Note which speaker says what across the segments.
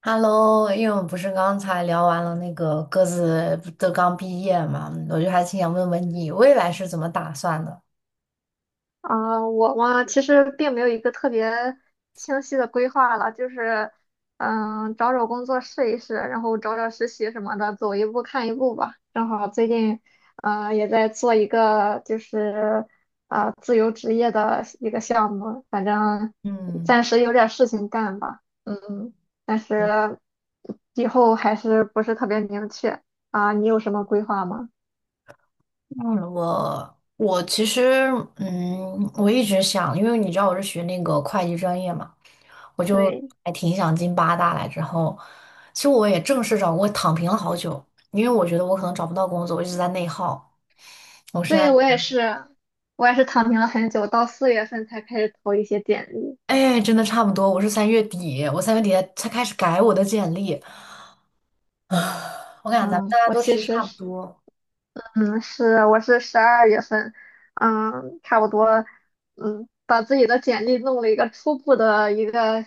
Speaker 1: Hello，因为我们不是刚才聊完了那个各自不都刚毕业嘛，我就还挺想问问你未来是怎么打算的？
Speaker 2: 我嘛，其实并没有一个特别清晰的规划了，就是，找找工作试一试，然后找找实习什么的，走一步看一步吧。正好最近，也在做一个就是，自由职业的一个项目，反正
Speaker 1: 嗯，
Speaker 2: 暂时有点事情干吧，嗯，但是以后还是不是特别明确。你有什么规划吗？
Speaker 1: 我其实，我一直想，因为你知道我是学那个会计专业嘛，我就
Speaker 2: 对。
Speaker 1: 还挺想进八大。来之后，其实我也正式找过，躺平了好久，因为我觉得我可能找不到工作，我一直在内耗。我现在
Speaker 2: 对，我也是，躺平了很久，到四月份才开始投一些简历。
Speaker 1: 哎，真的差不多，我是三月底，我三月底才开始改我的简历。我感觉咱们大
Speaker 2: 嗯，
Speaker 1: 家
Speaker 2: 我
Speaker 1: 都
Speaker 2: 其
Speaker 1: 其实
Speaker 2: 实
Speaker 1: 差不
Speaker 2: 是，
Speaker 1: 多。
Speaker 2: 我是12月份，嗯，差不多，把自己的简历弄了一个初步的一个，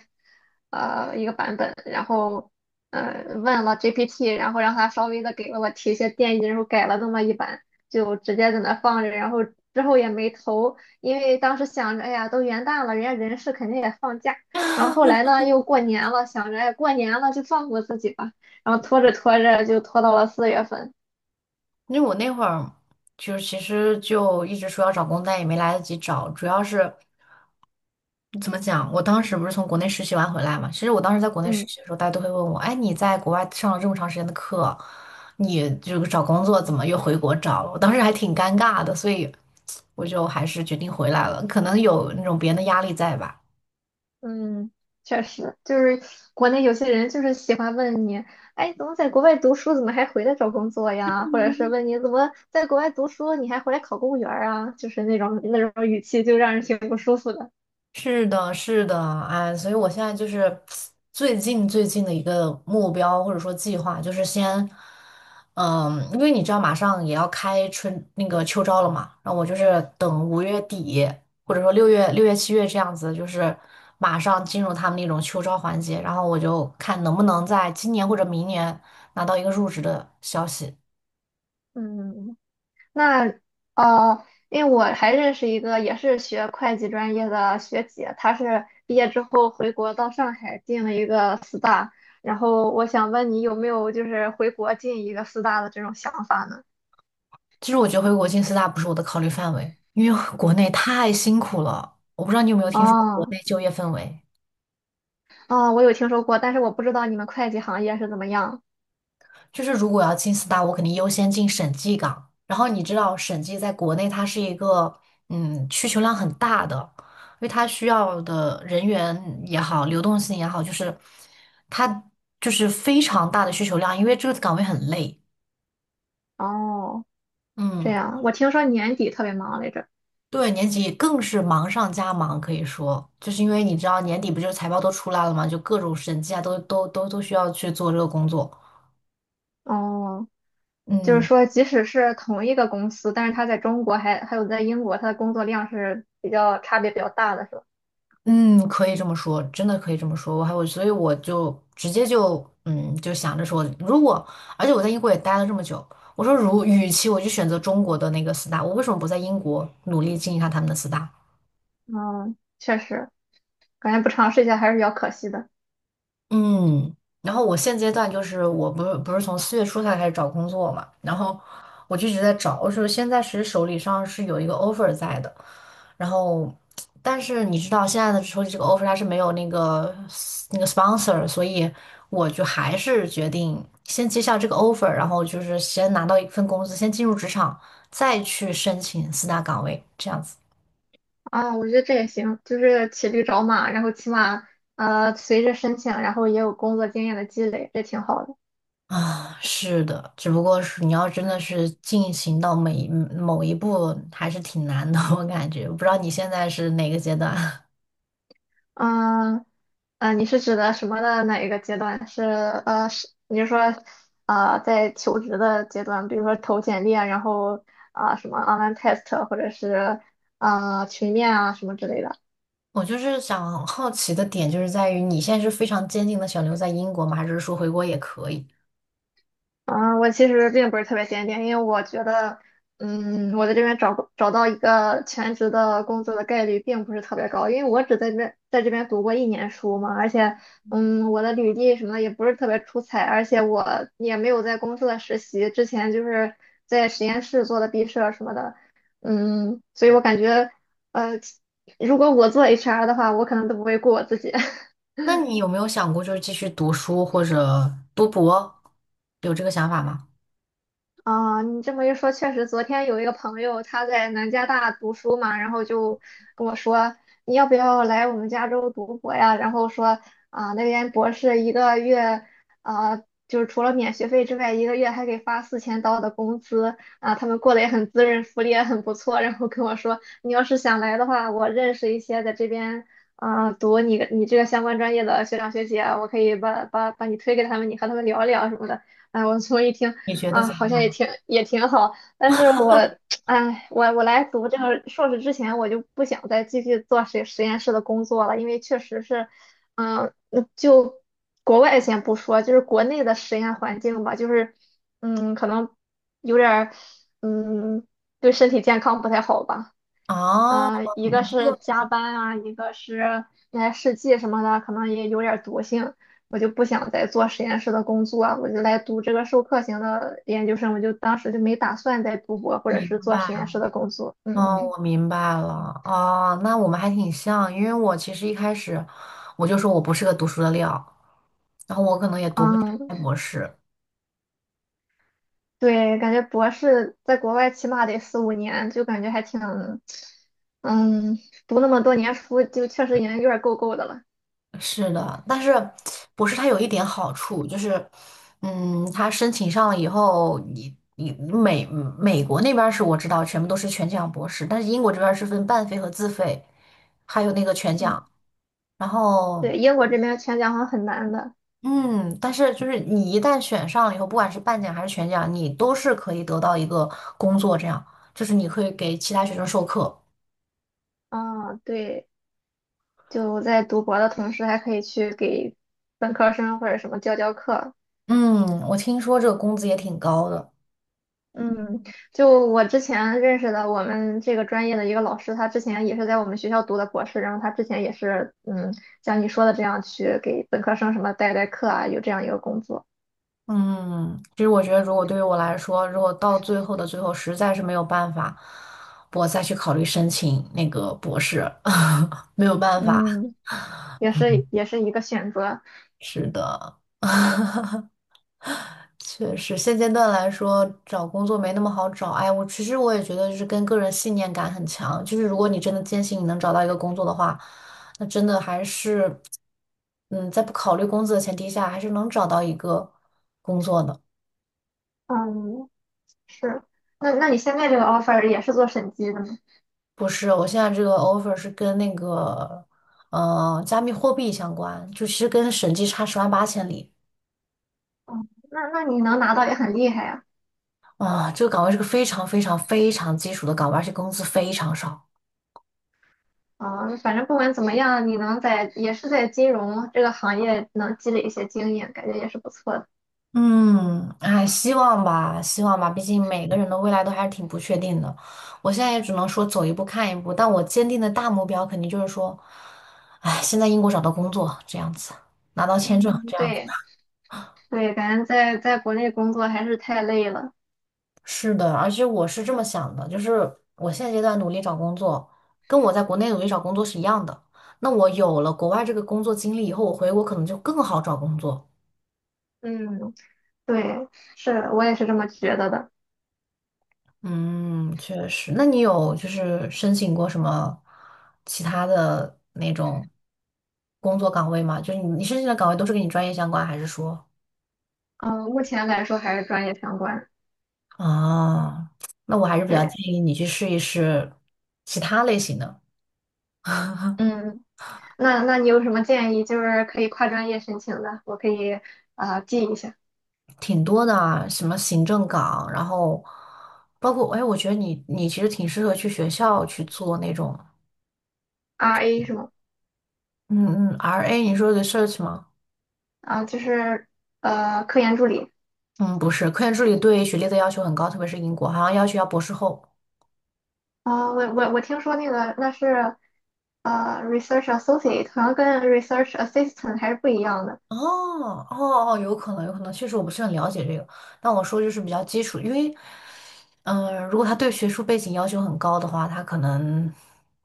Speaker 2: 呃，一个版本，然后，问了 GPT,然后让他稍微的给了我提一些建议，然后改了那么一版，就直接在那放着，然后之后也没投，因为当时想着，哎呀，都元旦了，人家人事肯定也放假，然后后来呢，又过年了，想着，哎，过年了就放过自己吧，然后拖着拖着就拖到了四月份。
Speaker 1: 因为我那会儿就是其实就一直说要找工作，但也没来得及找。主要是怎么讲，我当时不是从国内实习完回来嘛，其实我当时在国内实
Speaker 2: 嗯。
Speaker 1: 习的时候，大家都会问我，哎，你在国外上了这么长时间的课，你就找工作怎么又回国找了？我当时还挺尴尬的，所以我就还是决定回来了。可能有那种别人的压力在吧。
Speaker 2: 嗯，确实，就是国内有些人就是喜欢问你，哎，怎么在国外读书，怎么还回来找工作呀？或者是问你怎么在国外读书，你还回来考公务员儿啊？就是那种那种语气，就让人挺不舒服的。
Speaker 1: 是的，是的，哎，所以我现在就是最近的一个目标或者说计划，就是先，因为你知道马上也要开春那个秋招了嘛，然后我就是等5月底，或者说六月7月这样子，就是马上进入他们那种秋招环节，然后我就看能不能在今年或者明年拿到一个入职的消息。
Speaker 2: 嗯，那因为我还认识一个也是学会计专业的学姐，她是毕业之后回国到上海进了一个四大，然后我想问你有没有就是回国进一个四大的这种想法呢？
Speaker 1: 其实我觉得回国进四大不是我的考虑范围，因为国内太辛苦了，我不知道你有没有听说过国
Speaker 2: 哦。
Speaker 1: 内就业氛围。
Speaker 2: 哦，我有听说过，但是我不知道你们会计行业是怎么样。
Speaker 1: 就是如果要进四大，我肯定优先进审计岗。然后你知道，审计在国内它是一个需求量很大的，因为它需要的人员也好，流动性也好，就是它就是非常大的需求量，因为这个岗位很累。
Speaker 2: 哦，这
Speaker 1: 嗯，
Speaker 2: 样，我听说年底特别忙来着。
Speaker 1: 对，年底更是忙上加忙，可以说，就是因为你知道年底不就是财报都出来了嘛，就各种审计啊，都需要去做这个工作。
Speaker 2: 哦，就是
Speaker 1: 嗯。
Speaker 2: 说，即使是同一个公司，但是他在中国还有在英国，他的工作量是差别比较大的，是吧？
Speaker 1: 嗯，可以这么说，真的可以这么说。我还我，所以我就直接就嗯，就想着说，而且我在英国也待了这么久，我说与其我就选择中国的那个四大，我为什么不在英国努力进一下他们的四大？
Speaker 2: 嗯，确实，感觉不尝试一下还是比较可惜的。
Speaker 1: 嗯，然后我现阶段就是我不是从4月初才开始找工作嘛，然后我就一直在找，我说现在其实手里上是有一个 offer 在的，然后但是你知道现在的手里这个 offer 它是没有那个 sponsor，所以我就还是决定先接下这个 offer，然后就是先拿到一份工资，先进入职场，再去申请四大岗位这样子。
Speaker 2: 啊，我觉得这也行，就是骑驴找马，然后起码，随着申请，然后也有工作经验的积累，这挺好的。
Speaker 1: 啊，是的，只不过是你要真的是进行到每一某一步，还是挺难的，我感觉。我不知道你现在是哪个阶段？
Speaker 2: 嗯，你是指的什么的哪一个阶段？是你是说，在求职的阶段，比如说投简历啊，然后什么 online test 啊或者是群面啊什么之类的。
Speaker 1: 我就是想好奇的点，就是在于你现在是非常坚定的想留在英国吗？还是说回国也可以？
Speaker 2: 啊，我其实并不是特别坚定，因为我觉得，嗯，我在这边找到一个全职的工作的概率并不是特别高，因为我只在这边读过一年书嘛，而且，嗯，我的履历什么的也不是特别出彩，而且我也没有在公司的实习，之前就是在实验室做的毕设什么的，嗯，所以我感觉，呃，如果我做 HR 的话，我可能都不会雇我自己。
Speaker 1: 那你有没有想过就是继续读书或者读博，有这个想法吗？
Speaker 2: 啊，你这么一说，确实，昨天有一个朋友他在南加大读书嘛，然后就跟我说，你要不要来我们加州读博呀？然后说啊，那边博士一个月，啊，就是除了免学费之外，一个月还给发4000刀的工资啊，他们过得也很滋润，福利也很不错。然后跟我说，你要是想来的话，我认识一些在这边读你这个相关专业的学长学姐啊，我可以把你推给他们，你和他们聊一聊什么的。哎，我 从一听。
Speaker 1: 你觉得
Speaker 2: 啊，
Speaker 1: 怎么
Speaker 2: 好像也
Speaker 1: 样？
Speaker 2: 挺好，但是我，哎，我来读这个硕士之前，我就不想再继续做实验室的工作了，因为确实是，嗯，国外先不说，就是国内的实验环境吧，就是，嗯，可能有点儿，嗯，对身体健康不太好吧。
Speaker 1: 哦，
Speaker 2: 嗯，一个
Speaker 1: 你
Speaker 2: 是
Speaker 1: 就
Speaker 2: 加班啊，一个是那些试剂什么的，可能也有点儿毒性，我就不想再做实验室的工作啊，我就来读这个授课型的研究生，我就当时就没打算再读博或者
Speaker 1: 明
Speaker 2: 是做实
Speaker 1: 白。
Speaker 2: 验室的工作。嗯
Speaker 1: 哦，
Speaker 2: 嗯。
Speaker 1: 我明白了。哦，那我们还挺像，因为我其实一开始我就说我不是个读书的料，然后我可能也读不下
Speaker 2: 嗯，
Speaker 1: 来博士。
Speaker 2: 对，感觉博士在国外起码得4、5年，就感觉还挺，嗯，读那么多年书，就确实已经有点够的了。
Speaker 1: 是的，但是博士它有一点好处，就是，嗯，它申请上了以后，你美国那边儿是我知道全部都是全奖博士，但是英国这边儿是分半费和自费，还有那个全
Speaker 2: 嗯，
Speaker 1: 奖。然后
Speaker 2: 对，英国这边全奖好像很难的。
Speaker 1: 嗯，但是就是你一旦选上了以后，不管是半奖还是全奖，你都是可以得到一个工作，这样就是你可以给其他学生授课。
Speaker 2: 啊，对。就在读博的同时，还可以去给本科生或者什么教课。
Speaker 1: 嗯，我听说这个工资也挺高的。
Speaker 2: 嗯，就我之前认识的我们这个专业的一个老师，他之前也是在我们学校读的博士，然后他之前也是嗯，像你说的这样去给本科生什么代课啊，有这样一个工作。
Speaker 1: 嗯，其实我觉得，如果对于我来说，如果到最后的最后实在是没有办法，我再去考虑申请那个博士，没有办法。
Speaker 2: 嗯，也是一个选择。
Speaker 1: 是的。确实，现阶段来说，找工作没那么好找。哎，我其实我也觉得，就是跟个人信念感很强。就是如果你真的坚信你能找到一个工作的话，那真的还是，嗯，在不考虑工资的前提下，还是能找到一个工作的。
Speaker 2: 嗯，是。那那你现在这个 offer 也是做审计的吗？
Speaker 1: 不是，我现在这个 offer 是跟那个，呃，加密货币相关，就其实跟审计差十万八千里
Speaker 2: 哦，那那你能拿到也很厉害呀。
Speaker 1: 啊。这个岗位是个非常非常非常基础的岗位，而且工资非常少。
Speaker 2: 啊，反正不管怎么样，你能在也是在金融这个行业能积累一些经验，感觉也是不错的。
Speaker 1: 嗯，哎，希望吧，希望吧，毕竟每个人的未来都还是挺不确定的。我现在也只能说走一步看一步，但我坚定的大目标肯定就是说，哎，先在英国找到工作，这样子，拿到签证，
Speaker 2: 嗯，
Speaker 1: 这样子。
Speaker 2: 对，对，感觉在国内工作还是太累了。
Speaker 1: 是的，而且我是这么想的，就是我现阶段努力找工作，跟我在国内努力找工作是一样的。那我有了国外这个工作经历以后，我回国可能就更好找工作。
Speaker 2: 嗯，对，是我也是这么觉得的。
Speaker 1: 嗯，确实。那你有就是申请过什么其他的那种工作岗位吗？就是你申请的岗位都是跟你专业相关，还是说？
Speaker 2: 嗯，目前来说还是专业相关。
Speaker 1: 啊，那我还是比较
Speaker 2: 对，
Speaker 1: 建议你去试一试其他类型的，
Speaker 2: 嗯，那那你有什么建议？就是可以跨专业申请的，我可以记一下。
Speaker 1: 挺多的啊，什么行政岗，然后包括哎，我觉得你其实挺适合去学校去做那种，
Speaker 2: RA 是吗？
Speaker 1: 嗯嗯，RA 你说 research 吗？
Speaker 2: 啊、就是科研助理。
Speaker 1: 嗯，不是，科研助理对学历的要求很高，特别是英国，好像要求要博士后。
Speaker 2: 我听说那个那是，research associate 好像跟 research assistant 还是不一样的。
Speaker 1: 哦哦哦，有可能，有可能，确实我不是很了解这个。但我说就是比较基础，因为，如果他对学术背景要求很高的话，他可能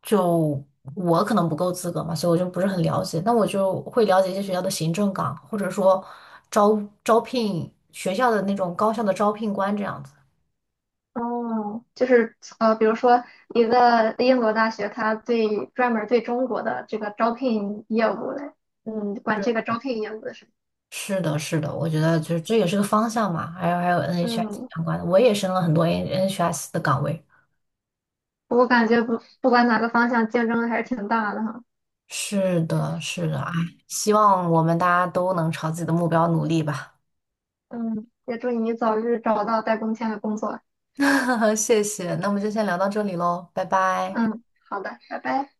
Speaker 1: 就我可能不够资格嘛，所以我就不是很了解。那我就会了解一些学校的行政岗，或者说招聘学校的那种高校的招聘官这样子。
Speaker 2: 哦，就是比如说一个英国大学，它专门对中国的这个招聘业务的，嗯，管这个招聘业务的事。
Speaker 1: 是的，是的，我觉得就是这也是个方向嘛。还有 NHS
Speaker 2: 嗯，
Speaker 1: 相关的，我也升了很多 NHS 的岗位。
Speaker 2: 我感觉不管哪个方向，竞争还是挺大的哈。
Speaker 1: 是的，是的，哎，希望我们大家都能朝自己的目标努力吧。
Speaker 2: 嗯，也祝你早日找到带工签的工作。
Speaker 1: 谢谢，那我们就先聊到这里喽，拜拜。
Speaker 2: 嗯，好的，拜拜。